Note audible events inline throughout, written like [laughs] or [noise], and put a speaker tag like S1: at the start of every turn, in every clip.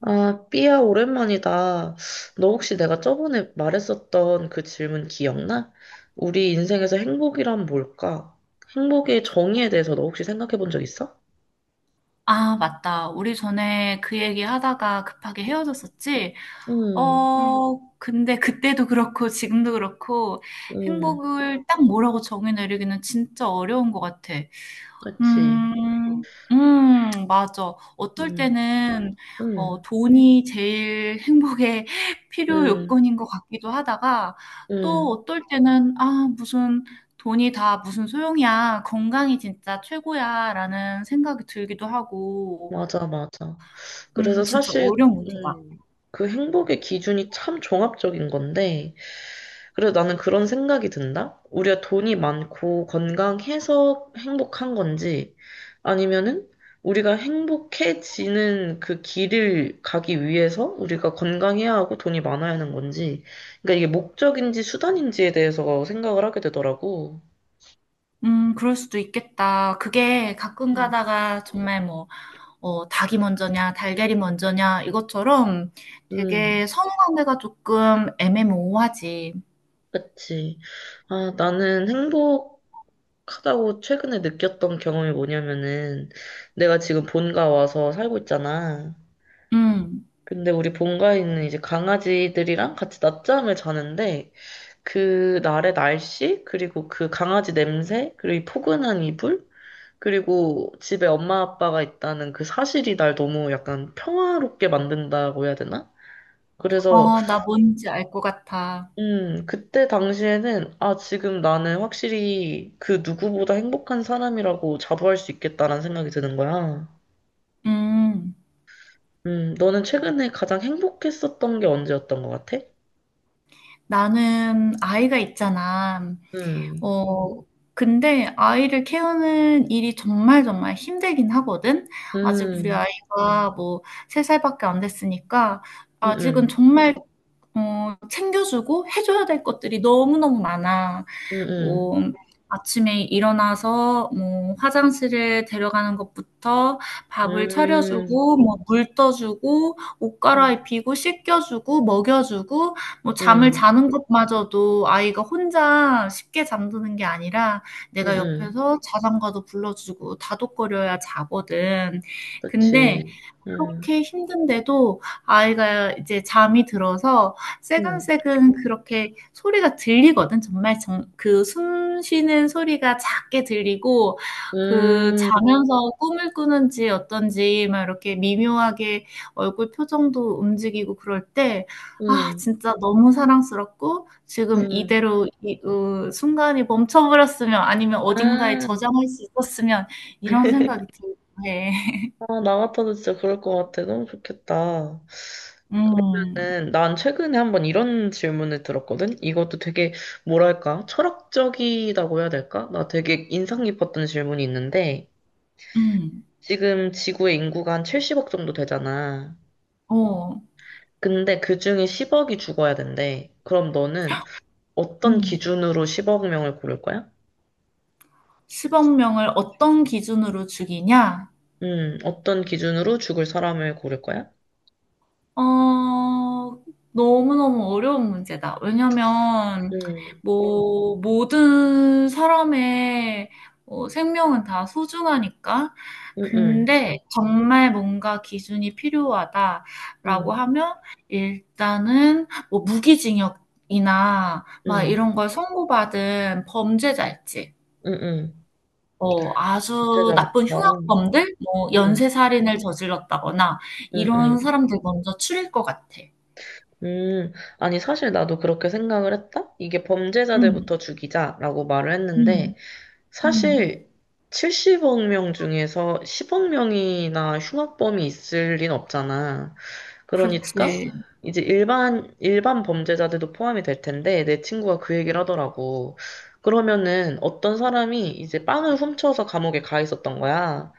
S1: 아, 삐야, 오랜만이다. 너 혹시 내가 저번에 말했었던 그 질문 기억나? 우리 인생에서 행복이란 뭘까? 행복의 정의에 대해서 너 혹시 생각해 본 적 있어?
S2: 아, 맞다. 우리 전에 그 얘기 하다가 급하게 헤어졌었지? 음.
S1: 응,
S2: 근데 그때도 그렇고 지금도 그렇고
S1: 응,
S2: 행복을 딱 뭐라고 정의 내리기는 진짜 어려운 것 같아.
S1: 그치.
S2: 음, 맞아. 어떨
S1: 응,
S2: 때는
S1: 응,
S2: 돈이 제일 행복의 [laughs] 필요
S1: 응,
S2: 요건인 것 같기도 하다가 또
S1: 응,
S2: 어떨 때는 아, 무슨 돈이 다 무슨 소용이야. 건강이 진짜 최고야. 라는 생각이 들기도 하고.
S1: 맞아, 맞아. 그래서
S2: 진짜
S1: 사실,
S2: 어려운 문제다.
S1: 음, 그 행복의 기준이 참 종합적인 건데, 그래서 나는 그런 생각이 든다. 우리가 돈이 많고 건강해서 행복한 건지 아니면은 우리가 행복해지는 그 길을 가기 위해서 우리가 건강해야 하고 돈이 많아야 하는 건지. 그러니까 이게 목적인지 수단인지에 대해서 생각을 하게 되더라고.
S2: 그럴 수도 있겠다. 그게 가끔
S1: 음.
S2: 가다가 정말 뭐, 닭이 먼저냐, 달걀이 먼저냐, 이것처럼
S1: 음,
S2: 되게 선후관계가 조금 애매모호하지.
S1: 그치. 아, 나는 행복하다고 최근에 느꼈던 경험이 뭐냐면은 내가 지금 본가 와서 살고 있잖아.
S2: 음,
S1: 근데 우리 본가에는 이제 강아지들이랑 같이 낮잠을 자는데 그 날의 날씨 그리고 그 강아지 냄새 그리고 이 포근한 이불 그리고 집에 엄마 아빠가 있다는 그 사실이 날 너무 약간 평화롭게 만든다고 해야 되나? 그래서
S2: 나 뭔지 알 것 같아.
S1: 그때 당시에는 아 지금 나는 확실히 그 누구보다 행복한 사람이라고 자부할 수 있겠다라는 생각이 드는 거야.
S2: 음,
S1: 너는 최근에 가장 행복했었던 게 언제였던 것 같아?
S2: 나는 아이가 있잖아.
S1: 음.
S2: 어, 근데 아이를 키우는 일이 정말 정말 힘들긴 하거든. 아직 우리
S1: 음.
S2: 아이가 뭐 3살밖에 안 됐으니까
S1: 응,
S2: 아직은
S1: 응,
S2: 정말 챙겨주고 해줘야 될 것들이 너무너무 많아.
S1: 응,
S2: 뭐, 아침에 일어나서 뭐 화장실에 데려가는 것부터 밥을
S1: 응,
S2: 차려주고 뭐 물 떠주고 옷 갈아입히고 씻겨주고 먹여주고 뭐 잠을
S1: 응,
S2: 자는 것마저도 아이가 혼자 쉽게 잠드는 게 아니라
S1: 응,
S2: 내가
S1: 응,
S2: 옆에서 자장가도 불러주고 다독거려야 자거든. 근데
S1: 그치. 응,
S2: 그렇게 힘든데도 아이가 이제 잠이 들어서
S1: 응,
S2: 세근세근 그렇게 소리가 들리거든. 정말 정 그 숨 쉬는 소리가 작게 들리고 그
S1: 응,
S2: 자면서 꿈을 꾸는지 어떤지 막 이렇게 미묘하게 얼굴 표정도 움직이고 그럴 때 아
S1: 응,
S2: 진짜 너무 사랑스럽고 지금
S1: 응.
S2: 이대로 이 으 순간이 멈춰버렸으면 아니면 어딘가에
S1: 아,
S2: 저장할 수 있었으면 이런 생각이 들기도 해.
S1: 아, 나 같아도 진짜 그럴 것 같아. 너무 좋겠다.
S2: [laughs] 음.
S1: 그러면은, 난 최근에 한번 이런 질문을 들었거든? 이것도 되게, 뭐랄까, 철학적이라고 해야 될까? 나 되게 인상 깊었던 질문이 있는데,
S2: 음.
S1: 지금 지구의 인구가 한 70억 정도 되잖아.
S2: 어.
S1: 근데 그 중에 10억이 죽어야 된대. 그럼 너는 어떤
S2: 음.
S1: 기준으로 10억 명을 고를 거야?
S2: 10억 명을 어떤 기준으로 죽이냐?
S1: 어떤 기준으로 죽을 사람을 고를 거야?
S2: 어, 너무너무 어려운 문제다. 왜냐면,
S1: 음,
S2: 뭐, 모든 사람의 생명은 다 소중하니까.
S1: 음, 음,
S2: 근데 정말 뭔가 기준이 필요하다라고
S1: 음,
S2: 하면, 일단은 뭐 무기징역이나 막
S1: 음,
S2: 이런 걸 선고받은 범죄자 있지.
S1: 음, 음.
S2: 아주 나쁜
S1: 범죄자부터.
S2: 흉악범들 뭐
S1: 음,
S2: 연쇄살인을 저질렀다거나
S1: 음,
S2: 이런
S1: 음.
S2: 사람들 먼저 추릴 것 같아.
S1: 음, 아니, 사실 나도 그렇게 생각을 했다? 이게
S2: 음.
S1: 범죄자들부터 죽이자라고 말을
S2: 음.
S1: 했는데,
S2: 음.
S1: 사실 70억 명 중에서 10억 명이나 흉악범이 있을 리는 없잖아. 그러니까
S2: 그렇지.
S1: 이제 일반 범죄자들도 포함이 될 텐데 내 친구가 그 얘기를 하더라고. 그러면은 어떤 사람이 이제 빵을 훔쳐서 감옥에 가 있었던 거야.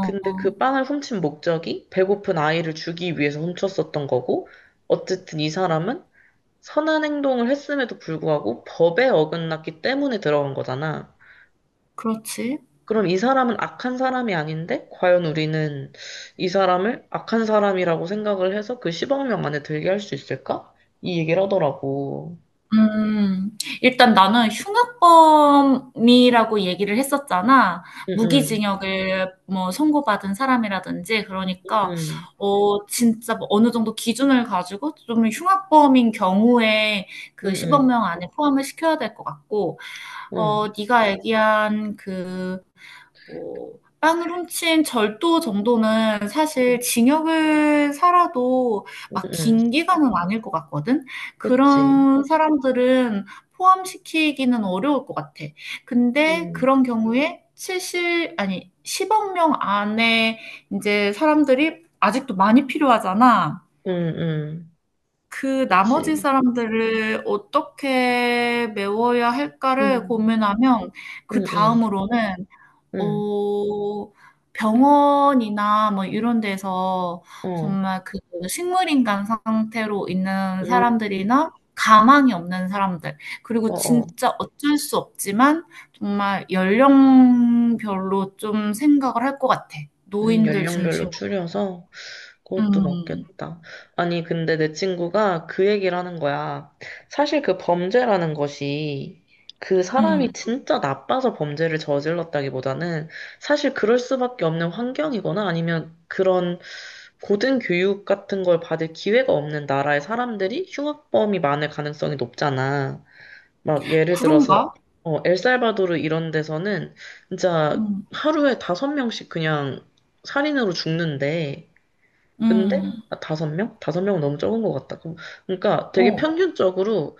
S1: 근데 그 빵을 훔친 목적이 배고픈 아이를 주기 위해서 훔쳤었던 거고, 어쨌든 이 사람은 선한 행동을 했음에도 불구하고 법에 어긋났기 때문에 들어간 거잖아.
S2: 그렇지.
S1: 그럼 이 사람은 악한 사람이 아닌데, 과연 우리는 이 사람을 악한 사람이라고 생각을 해서 그 10억 명 안에 들게 할 수 있을까? 이 얘기를 하더라고.
S2: 음. 일단 나는 흉악범이라고 얘기를 했었잖아.
S1: 응, 응,
S2: 무기징역을 뭐 선고받은 사람이라든지 그러니까
S1: 응,
S2: 진짜 뭐 어느 정도 기준을 가지고 좀 흉악범인 경우에
S1: 응,
S2: 그 10억
S1: 응,
S2: 명 안에 포함을 시켜야 될 것 같고
S1: 응,
S2: 네가 얘기한 그, 뭐, 빵을 훔친 절도 정도는 사실 징역을 살아도
S1: 응,
S2: 막
S1: 응,
S2: 긴 기간은 아닐 것 같거든?
S1: 그치.
S2: 그런 사람들은 포함시키기는 어려울 것 같아. 근데
S1: 응,
S2: 그런 경우에 칠십 아니, 10억 명 안에 이제 사람들이 아직도 많이 필요하잖아.
S1: 응, 응,
S2: 그 나머지
S1: 그치.
S2: 사람들을 어떻게 메워야 할까를
S1: 응,
S2: 고민하면 그
S1: 응, 응,
S2: 다음으로는
S1: 응,
S2: 어 병원이나 뭐 이런 데서
S1: 어,
S2: 정말 그 식물인간 상태로 있는
S1: 응,
S2: 사람들이나 가망이 없는 사람들
S1: 어,
S2: 그리고
S1: 어.
S2: 진짜 어쩔 수 없지만 정말 연령별로 좀 생각을 할 것 같아. 노인들
S1: 연령별로
S2: 중심으로.
S1: 추려서 그것도
S2: 음.
S1: 맞겠다. 아니, 근데 내 친구가 그 얘기를 하는 거야. 사실 그 범죄라는 것이 그 사람이
S2: 음.
S1: 진짜 나빠서 범죄를 저질렀다기보다는 사실 그럴 수밖에 없는 환경이거나 아니면 그런 고등 교육 같은 걸 받을 기회가 없는 나라의 사람들이 흉악범이 많을 가능성이 높잖아. 막 예를 들어서
S2: 그런가?
S1: 어, 엘살바도르 이런 데서는 진짜
S2: 음.
S1: 하루에 다섯 명씩 그냥 살인으로 죽는데 근데
S2: 음.
S1: 아, 다섯 명? 다섯 명은 너무 적은 것 같다. 그러니까 되게
S2: 어.
S1: 평균적으로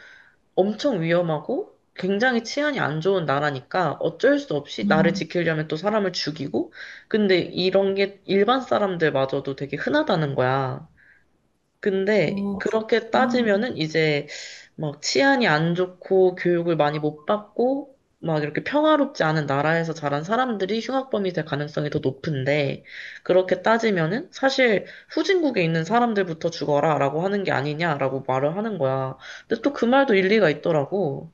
S1: 엄청 위험하고 굉장히 치안이 안 좋은 나라니까 어쩔 수 없이 나를
S2: 음.
S1: 지키려면 또 사람을 죽이고 근데 이런 게 일반 사람들마저도 되게 흔하다는 거야. 근데
S2: 어,
S1: 그렇게
S2: 그렇구나.
S1: 따지면은 이제 막 치안이 안 좋고 교육을 많이 못 받고 막 이렇게 평화롭지 않은 나라에서 자란 사람들이 흉악범이 될 가능성이 더 높은데 그렇게 따지면은 사실 후진국에 있는 사람들부터 죽어라라고 하는 게 아니냐라고 말을 하는 거야. 근데 또 그 말도 일리가 있더라고.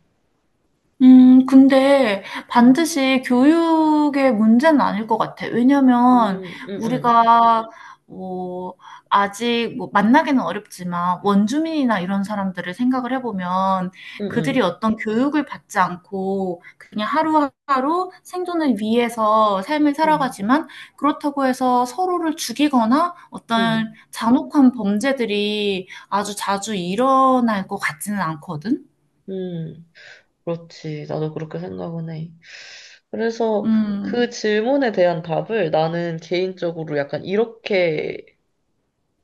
S2: 근데
S1: 음,
S2: 반드시 교육의 문제는 아닐 것 같아. 왜냐면
S1: 음, 음, 음,
S2: 우리가 뭐 아직 뭐 만나기는 어렵지만 원주민이나 이런 사람들을 생각을 해보면
S1: 음,
S2: 그들이 어떤 교육을 받지 않고 그냥 하루하루 생존을 위해서 삶을
S1: 음,
S2: 살아가지만 그렇다고 해서 서로를 죽이거나
S1: 음.
S2: 어떤
S1: 음,
S2: 잔혹한 범죄들이 아주 자주 일어날 것 같지는 않거든.
S1: 음. 그렇지. 나도 그렇게 생각은 해. 그래서
S2: 음.
S1: 그 질문에 대한 답을 나는 개인적으로 약간 이렇게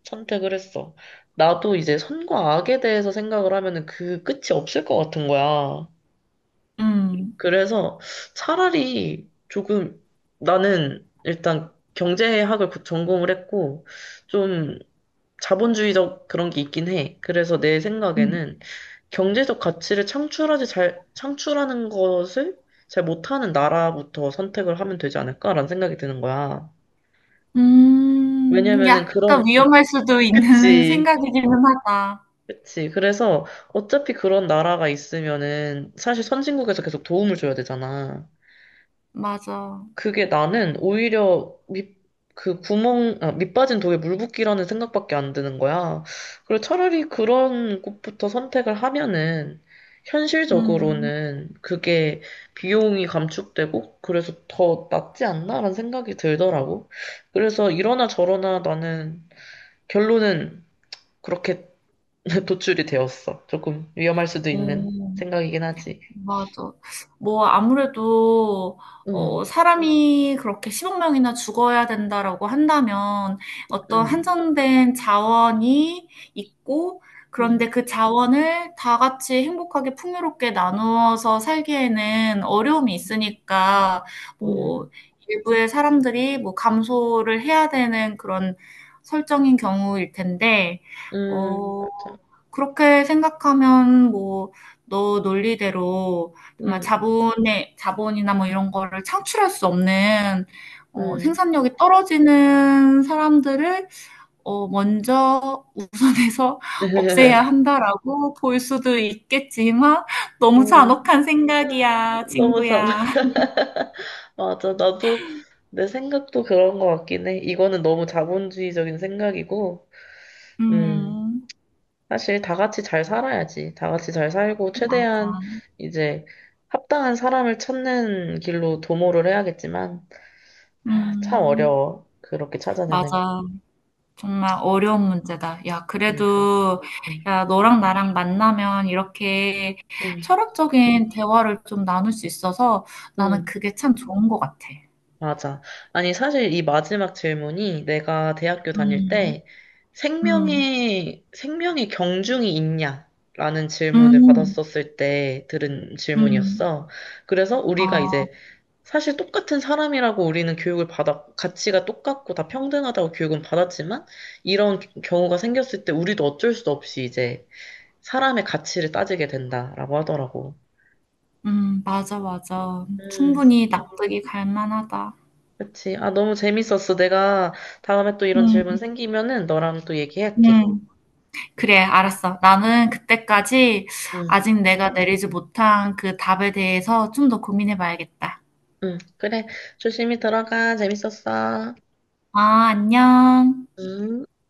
S1: 선택을 했어. 나도 이제 선과 악에 대해서 생각을 하면은 그 끝이 없을 것 같은 거야.
S2: 음.
S1: 그래서 차라리 조금 나는 일단 경제학을 전공을 했고 좀 자본주의적 그런 게 있긴 해. 그래서 내
S2: 음.
S1: 생각에는 경제적 가치를 창출하는 것을 잘 못하는 나라부터 선택을 하면 되지 않을까라는 생각이 드는 거야. 왜냐면은
S2: 약간
S1: 그런,
S2: 위험할 수도 있는 [laughs]
S1: 그치,
S2: 생각이기는 하다.
S1: 그치. 그래서 어차피 그런 나라가 있으면은 사실 선진국에서 계속 도움을 줘야 되잖아.
S2: 맞아.
S1: 그게 나는 오히려 밑, 그 구멍, 아, 밑 빠진 독에 물 붓기라는 생각밖에 안 드는 거야. 그리고 차라리 그런 곳부터 선택을 하면은
S2: 음.
S1: 현실적으로는 그게 비용이 감축되고 그래서 더 낫지 않나라는 생각이 들더라고. 그래서 이러나 저러나 나는 결론은 그렇게 [laughs] 도출이 되었어. 조금 위험할 수도 있는
S2: 어.
S1: 생각이긴 하지.
S2: 맞아. 뭐, 아무래도,
S1: 음,
S2: 사람이 그렇게 10억 명이나 죽어야 된다라고 한다면 어떤
S1: 음,
S2: 한정된 자원이 있고,
S1: 음,
S2: 그런데 그 자원을 다 같이 행복하게 풍요롭게 나누어서 살기에는 어려움이 있으니까,
S1: 음,
S2: 뭐, 일부의 사람들이 뭐 감소를 해야 되는 그런 설정인 경우일 텐데, 어,
S1: 맞아.
S2: 그렇게 생각하면 뭐, 너 논리대로 정말 자본의 자본이나 뭐 이런 거를 창출할 수 없는
S1: 음.
S2: 생산력이 떨어지는 사람들을 먼저 우선해서 [laughs] 없애야
S1: [laughs]
S2: 한다라고 볼 수도 있겠지만 너무
S1: 음.
S2: 잔혹한
S1: 아,
S2: 생각이야,
S1: 너무 잘.
S2: 친구야. [laughs]
S1: [laughs] 맞아. 나도 내 생각도 그런 것 같긴 해. 이거는 너무 자본주의적인 생각이고, 음.
S2: 음,
S1: 사실 다 같이 잘 살아야지. 다 같이 잘 살고,
S2: 맞아.
S1: 최대한 이제 합당한 사람을 찾는 길로 도모를 해야겠지만, 아, 참
S2: 음,
S1: 어려워. 그렇게 찾아내는
S2: 맞아. 정말 어려운 문제다. 야,
S1: 러니까
S2: 그래도,
S1: 음.
S2: 야, 너랑 나랑 만나면 이렇게
S1: 음.
S2: 철학적인 대화를 좀 나눌 수 있어서 나는
S1: 음.
S2: 그게 참 좋은 것 같아.
S1: 맞아. 아니, 사실 이 마지막 질문이 내가 대학교 다닐
S2: 음.
S1: 때
S2: 음.
S1: 생명의 경중이 있냐? 라는 질문을
S2: 음.
S1: 받았었을 때 들은
S2: 음.
S1: 질문이었어. 그래서 우리가
S2: 아.
S1: 이제 사실 똑같은 사람이라고 우리는 가치가 똑같고 다 평등하다고 교육은 받았지만 이런 경우가 생겼을 때 우리도 어쩔 수 없이 이제 사람의 가치를 따지게 된다라고 하더라고.
S2: 맞아, 맞아.
S1: 음,
S2: 충분히 납득이 갈 만하다.
S1: 그치. 아, 너무 재밌었어. 내가 다음에 또 이런 질문
S2: 음.
S1: 생기면은 너랑 또 얘기할게.
S2: 음. 그래, 알았어. 나는 그때까지
S1: 응,
S2: 아직 내가 내리지 못한 그 답에 대해서 좀 더 고민해 봐야겠다.
S1: 응. 그래. 조심히 들어가. 재밌었어.
S2: 아, 안녕.
S1: 응.